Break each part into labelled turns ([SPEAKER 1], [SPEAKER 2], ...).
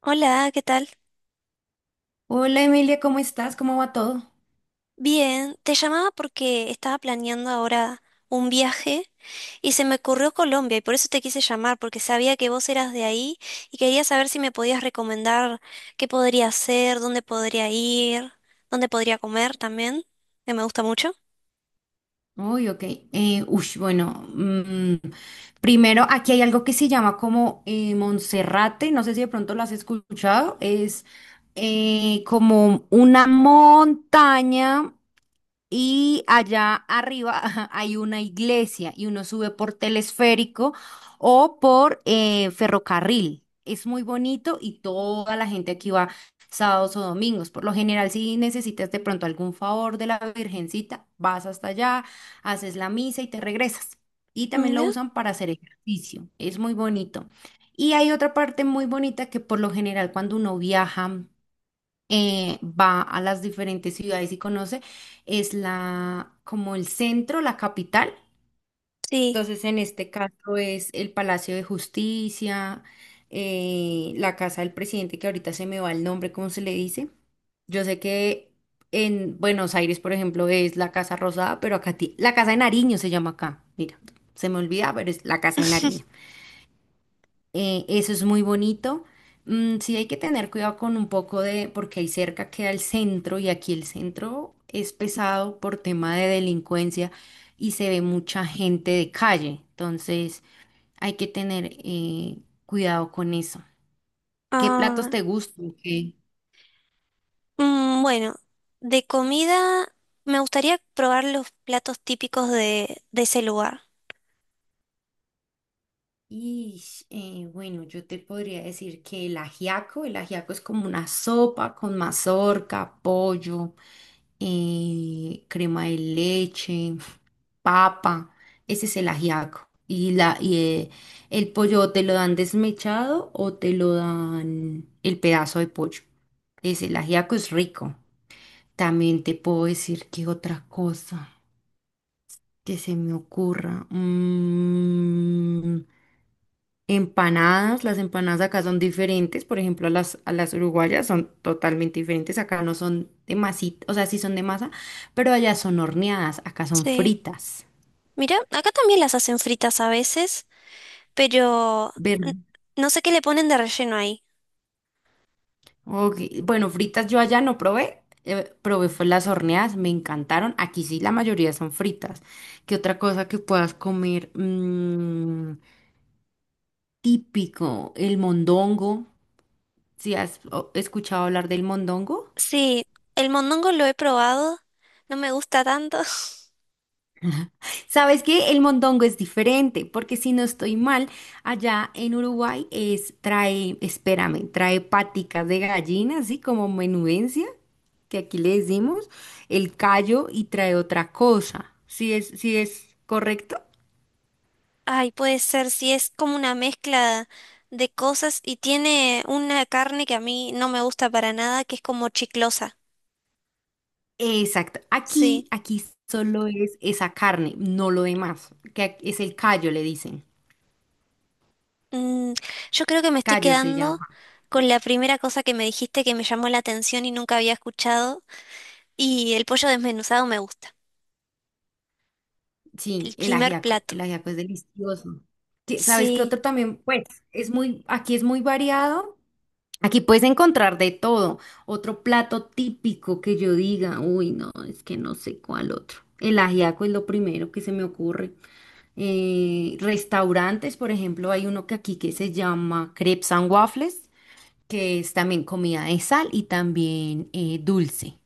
[SPEAKER 1] Hola, ¿qué tal?
[SPEAKER 2] Hola Emilia, ¿cómo estás? ¿Cómo va todo?
[SPEAKER 1] Bien, te llamaba porque estaba planeando ahora un viaje y se me ocurrió Colombia y por eso te quise llamar, porque sabía que vos eras de ahí y quería saber si me podías recomendar qué podría hacer, dónde podría ir, dónde podría comer también, que me gusta mucho.
[SPEAKER 2] Uy, ok. Bueno, primero aquí hay algo que se llama como Monserrate, no sé si de pronto lo has escuchado, es como una montaña. Y allá arriba ajá, hay una iglesia y uno sube por telesférico o por ferrocarril. Es muy bonito y toda la gente aquí va sábados o domingos. Por lo general, si necesitas de pronto algún favor de la Virgencita, vas hasta allá, haces la misa y te regresas. Y también lo
[SPEAKER 1] Mira,
[SPEAKER 2] usan para hacer ejercicio. Es muy bonito. Y hay otra parte muy bonita que por lo general cuando uno viaja va a las diferentes ciudades y conoce, es la, como el centro, la capital.
[SPEAKER 1] sí.
[SPEAKER 2] Entonces, en este caso es el Palacio de Justicia, la casa del presidente, que ahorita se me va el nombre, ¿cómo se le dice? Yo sé que en Buenos Aires, por ejemplo, es la Casa Rosada, pero acá la Casa de Nariño se llama acá. Mira, se me olvida, pero es la Casa de Nariño. Eso es muy bonito. Mm, sí hay que tener cuidado con un poco de, porque ahí cerca queda el centro y aquí el centro es pesado por tema de delincuencia y se ve mucha gente de calle. Entonces hay que tener cuidado con eso. ¿Qué platos
[SPEAKER 1] Ah,
[SPEAKER 2] te gustan? ¿Qué?
[SPEAKER 1] bueno, de comida me gustaría probar los platos típicos de ese lugar.
[SPEAKER 2] Y bueno, yo te podría decir que el ajiaco es como una sopa con mazorca, pollo, crema de leche, papa. Ese es el ajiaco. Y, la, y el pollo o te lo dan desmechado o te lo dan el pedazo de pollo. Es el ajiaco es rico. También te puedo decir que otra cosa que se me ocurra. Mm, empanadas, las empanadas acá son diferentes, por ejemplo, a las uruguayas son totalmente diferentes, acá no son de masita, o sea, sí son de masa, pero allá son horneadas, acá son
[SPEAKER 1] Sí.
[SPEAKER 2] fritas.
[SPEAKER 1] Mira, acá también las hacen fritas a veces, pero
[SPEAKER 2] Ver,
[SPEAKER 1] n- no sé qué le ponen de relleno ahí.
[SPEAKER 2] ok, bueno, fritas yo allá no probé, probé fue las horneadas, me encantaron, aquí sí la mayoría son fritas. ¿Qué otra cosa que puedas comer? Mm, típico, el mondongo, ¿si has escuchado hablar del mondongo?
[SPEAKER 1] Sí, el mondongo lo he probado, no me gusta tanto.
[SPEAKER 2] Sabes que el mondongo es diferente, porque si no estoy mal, allá en Uruguay es, trae, espérame, trae paticas de gallina, así como menudencia, que aquí le decimos, el callo y trae otra cosa. Sí es correcto?
[SPEAKER 1] Ay, puede ser, si es como una mezcla de cosas y tiene una carne que a mí no me gusta para nada, que es como chiclosa.
[SPEAKER 2] Exacto. Aquí,
[SPEAKER 1] Sí.
[SPEAKER 2] aquí solo es esa carne, no lo demás, que es el callo, le dicen.
[SPEAKER 1] Mm, yo creo que me estoy
[SPEAKER 2] Callo se
[SPEAKER 1] quedando
[SPEAKER 2] llama.
[SPEAKER 1] con la primera cosa que me dijiste que me llamó la atención y nunca había escuchado. Y el pollo desmenuzado me gusta.
[SPEAKER 2] Sí,
[SPEAKER 1] El
[SPEAKER 2] el
[SPEAKER 1] primer
[SPEAKER 2] ajiaco. El
[SPEAKER 1] plato.
[SPEAKER 2] ajiaco es delicioso. ¿Sabes qué
[SPEAKER 1] Sí.
[SPEAKER 2] otro también? Pues es muy, aquí es muy variado. Aquí puedes encontrar de todo. Otro plato típico que yo diga, uy, no, es que no sé cuál otro. El ajiaco es lo primero que se me ocurre. Restaurantes, por ejemplo, hay uno que aquí que se llama Crepes and Waffles, que es también comida de sal y también dulce.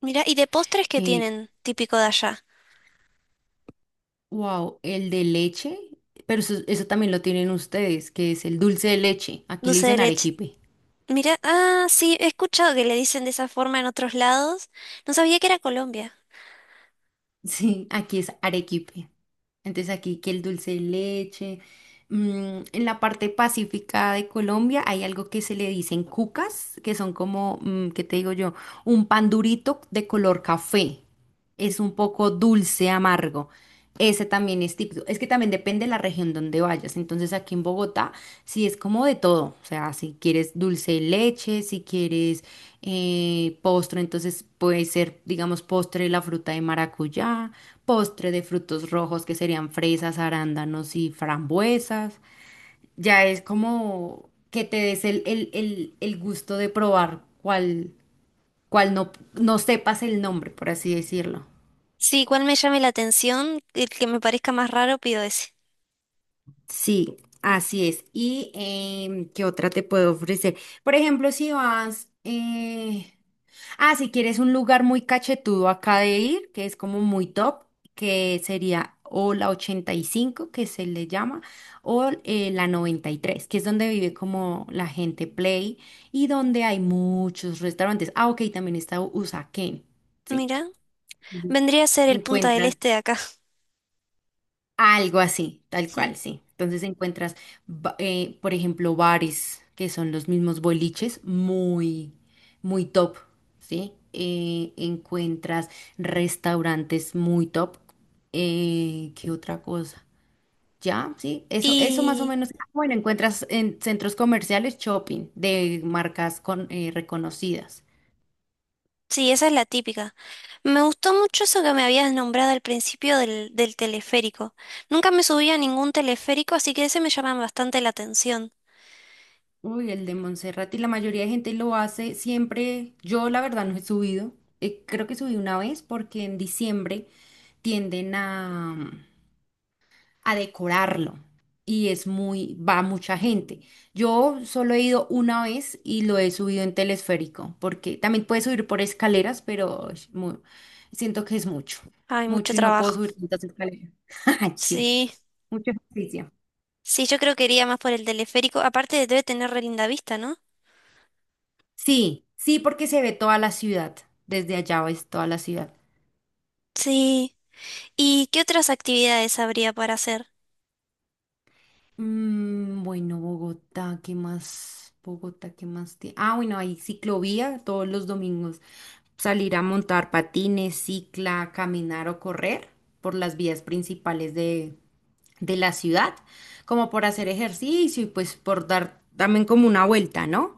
[SPEAKER 1] Mira, ¿y de postres qué
[SPEAKER 2] Eh,
[SPEAKER 1] tienen típico de allá?
[SPEAKER 2] wow, el de leche, pero eso también lo tienen ustedes, que es el dulce de leche. Aquí le
[SPEAKER 1] Dulce de
[SPEAKER 2] dicen
[SPEAKER 1] leche.
[SPEAKER 2] arequipe.
[SPEAKER 1] Mira, ah, sí, he escuchado que le dicen de esa forma en otros lados. No sabía que era Colombia.
[SPEAKER 2] Sí, aquí es arequipe. Entonces aquí que el dulce de leche. Mm, en la parte pacífica de Colombia hay algo que se le dicen cucas, que son como, mm, ¿qué te digo yo? Un pan durito de color café. Es un poco dulce, amargo. Ese también es típico. Es que también depende de la región donde vayas. Entonces aquí en Bogotá sí es como de todo. O sea, si quieres dulce de leche, si quieres postre, entonces puede ser, digamos, postre de la fruta de maracuyá, postre de frutos rojos que serían fresas, arándanos y frambuesas. Ya es como que te des el gusto de probar cuál, cuál no, no sepas el nombre, por así decirlo.
[SPEAKER 1] Sí, cuál me llame la atención, el que me parezca más raro, pido ese.
[SPEAKER 2] Sí, así es. ¿Y qué otra te puedo ofrecer? Por ejemplo, si vas, si quieres un lugar muy cachetudo acá de ir, que es como muy top, que sería o la 85, que se le llama, o la 93, que es donde vive como la gente play y donde hay muchos restaurantes. Ah, ok, también está Usaquén, ¿sí?
[SPEAKER 1] Mira,
[SPEAKER 2] Ujú.
[SPEAKER 1] vendría a ser el Punta del
[SPEAKER 2] Encuentras
[SPEAKER 1] Este de acá.
[SPEAKER 2] algo así, tal cual, sí. Entonces encuentras, por ejemplo, bares que son los mismos boliches, muy, muy top, ¿sí? Encuentras restaurantes muy top. ¿Qué otra cosa? Ya, sí, eso más o
[SPEAKER 1] Y
[SPEAKER 2] menos. Ah, bueno, encuentras en centros comerciales shopping de marcas con, reconocidas.
[SPEAKER 1] sí, esa es la típica. Me gustó mucho eso que me habías nombrado al principio del teleférico. Nunca me subí a ningún teleférico, así que ese me llama bastante la atención.
[SPEAKER 2] Uy, el de Montserrat y la mayoría de gente lo hace siempre. Yo la verdad no he subido. Creo que subí una vez porque en diciembre tienden a decorarlo y es muy, va mucha gente. Yo solo he ido una vez y lo he subido en telesférico porque también puedes subir por escaleras, pero es siento que es mucho,
[SPEAKER 1] Hay mucho
[SPEAKER 2] mucho y no puedo
[SPEAKER 1] trabajo.
[SPEAKER 2] subir tantas escaleras. Sí,
[SPEAKER 1] Sí,
[SPEAKER 2] mucho ejercicio.
[SPEAKER 1] sí, yo creo que iría más por el teleférico. Aparte debe tener re linda vista, ¿no?
[SPEAKER 2] Sí, sí, porque se ve toda la ciudad. Desde allá ves toda la ciudad.
[SPEAKER 1] Sí. ¿Y qué otras actividades habría para hacer?
[SPEAKER 2] Mm, bueno, Bogotá, ¿qué más? Bogotá, ¿qué más? Ah, bueno, hay ciclovía todos los domingos. Salir a montar patines, cicla, caminar o correr por las vías principales de la ciudad, como por hacer ejercicio y pues por dar también como una vuelta, ¿no?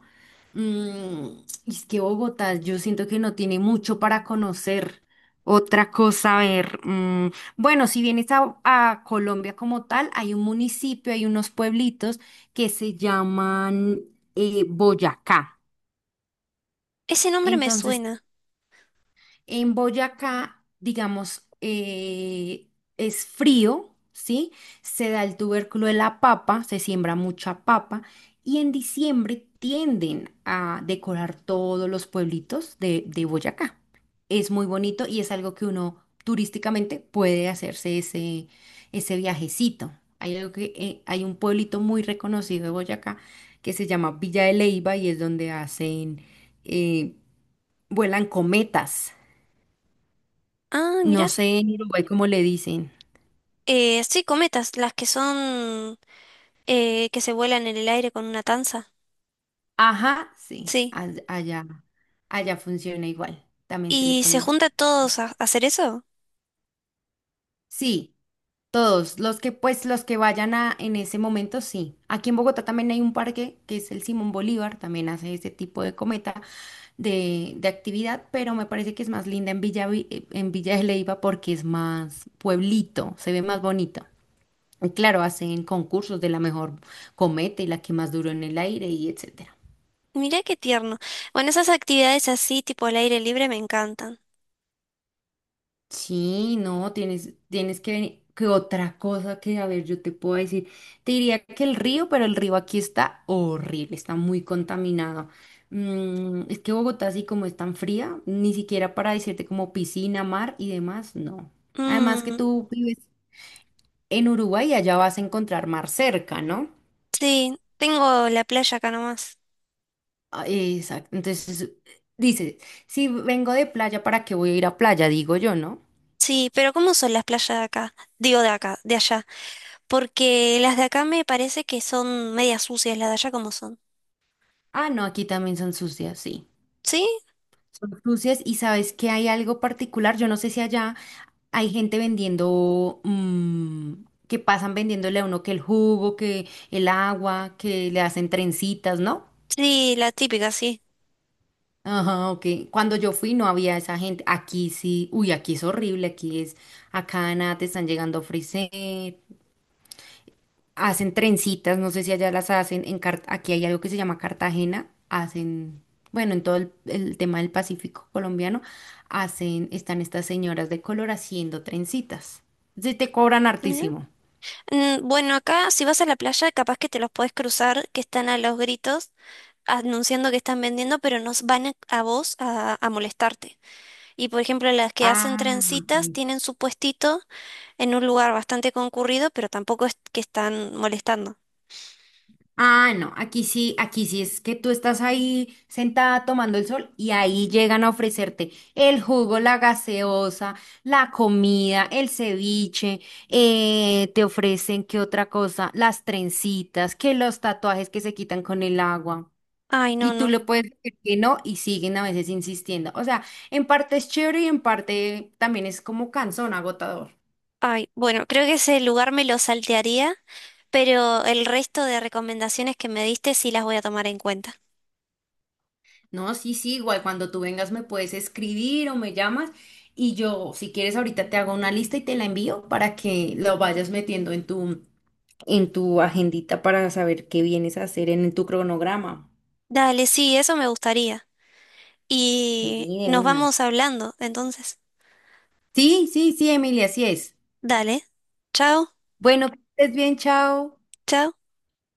[SPEAKER 2] Mm, y es que Bogotá, yo siento que no tiene mucho para conocer. Otra cosa, a ver, mm, bueno, si vienes a Colombia como tal, hay un municipio, hay unos pueblitos que se llaman Boyacá.
[SPEAKER 1] Ese nombre me
[SPEAKER 2] Entonces
[SPEAKER 1] suena.
[SPEAKER 2] en Boyacá, digamos, es frío, ¿sí? Se da el tubérculo de la papa, se siembra mucha papa y en diciembre tienden a decorar todos los pueblitos de Boyacá. Es muy bonito y es algo que uno turísticamente puede hacerse ese, ese viajecito. Hay algo que, hay un pueblito muy reconocido de Boyacá que se llama Villa de Leyva y es donde hacen, eh, vuelan cometas.
[SPEAKER 1] Ah,
[SPEAKER 2] No
[SPEAKER 1] mira.
[SPEAKER 2] sé en Uruguay cómo le dicen.
[SPEAKER 1] Sí, cometas, las que son que se vuelan en el aire con una tanza.
[SPEAKER 2] Ajá, sí,
[SPEAKER 1] Sí.
[SPEAKER 2] allá, allá funciona igual. También se le
[SPEAKER 1] ¿Y se
[SPEAKER 2] pone.
[SPEAKER 1] junta todos a hacer eso?
[SPEAKER 2] Sí, todos, los que pues los que vayan a en ese momento, sí. Aquí en Bogotá también hay un parque que es el Simón Bolívar, también hace ese tipo de cometa de actividad, pero me parece que es más linda en Villa, en Villa de Leyva porque es más pueblito, se ve más bonito. Y claro, hacen concursos de la mejor cometa y la que más duró en el aire y etc.
[SPEAKER 1] Mirá qué tierno. Bueno, esas actividades así, tipo al aire libre, me encantan.
[SPEAKER 2] Sí, no, tienes, tienes que venir. Que otra cosa que, a ver, yo te puedo decir, te diría que el río, pero el río aquí está horrible, está muy contaminado. Mm, es que Bogotá, así como es tan fría, ni siquiera para decirte como piscina, mar y demás, no. Además que
[SPEAKER 1] Mm,
[SPEAKER 2] tú vives en Uruguay y allá vas a encontrar mar cerca, ¿no?
[SPEAKER 1] sí, tengo la playa acá nomás.
[SPEAKER 2] Ah, exacto. Entonces, dices, si vengo de playa, ¿para qué voy a ir a playa? Digo yo, ¿no?
[SPEAKER 1] Sí, pero ¿cómo son las playas de acá? Digo de acá, de allá. Porque las de acá me parece que son medias sucias, las de allá como son.
[SPEAKER 2] Ah, no, aquí también son sucias, sí.
[SPEAKER 1] ¿Sí?
[SPEAKER 2] Son cruces y sabes que hay algo particular, yo no sé si allá hay gente vendiendo, mm, que pasan vendiéndole a uno que el jugo, que el agua, que le hacen trencitas, ¿no?
[SPEAKER 1] Sí, la típica, sí.
[SPEAKER 2] Ajá, ok. Cuando yo fui no había esa gente. Aquí sí, uy, aquí es horrible, aquí es, acá nada, te están llegando frisés, hacen trencitas, no sé si allá las hacen, en aquí hay algo que se llama Cartagena, hacen, bueno, en todo el tema del Pacífico colombiano, hacen, están estas señoras de color haciendo trencitas. Sí te cobran
[SPEAKER 1] Mira.
[SPEAKER 2] hartísimo.
[SPEAKER 1] Mm, bueno, acá si vas a la playa, capaz que te los podés cruzar, que están a los gritos anunciando que están vendiendo, pero nos van a molestarte. Y por ejemplo, las que hacen
[SPEAKER 2] Ah, ok.
[SPEAKER 1] trencitas tienen su puestito en un lugar bastante concurrido, pero tampoco es que están molestando.
[SPEAKER 2] Ah, no, aquí sí es que tú estás ahí sentada tomando el sol y ahí llegan a ofrecerte el jugo, la gaseosa, la comida, el ceviche, te ofrecen qué otra cosa, las trencitas, que los tatuajes que se quitan con el agua.
[SPEAKER 1] Ay, no,
[SPEAKER 2] Y tú
[SPEAKER 1] no.
[SPEAKER 2] le puedes decir que no y siguen a veces insistiendo. O sea, en parte es chévere y en parte también es como cansón, agotador.
[SPEAKER 1] Ay, bueno, creo que ese lugar me lo saltearía, pero el resto de recomendaciones que me diste sí las voy a tomar en cuenta.
[SPEAKER 2] No, sí, sí, igual cuando tú vengas me puedes escribir o me llamas y yo, si quieres, ahorita te hago una lista y te la envío para que lo vayas metiendo en tu agendita para saber qué vienes a hacer en tu cronograma.
[SPEAKER 1] Dale, sí, eso me gustaría.
[SPEAKER 2] Sí,
[SPEAKER 1] Y
[SPEAKER 2] de
[SPEAKER 1] nos
[SPEAKER 2] una.
[SPEAKER 1] vamos hablando, entonces.
[SPEAKER 2] Sí, sí, sí, Emilia, así es.
[SPEAKER 1] Dale. Chao,
[SPEAKER 2] Bueno, que estés bien, chao.
[SPEAKER 1] chao.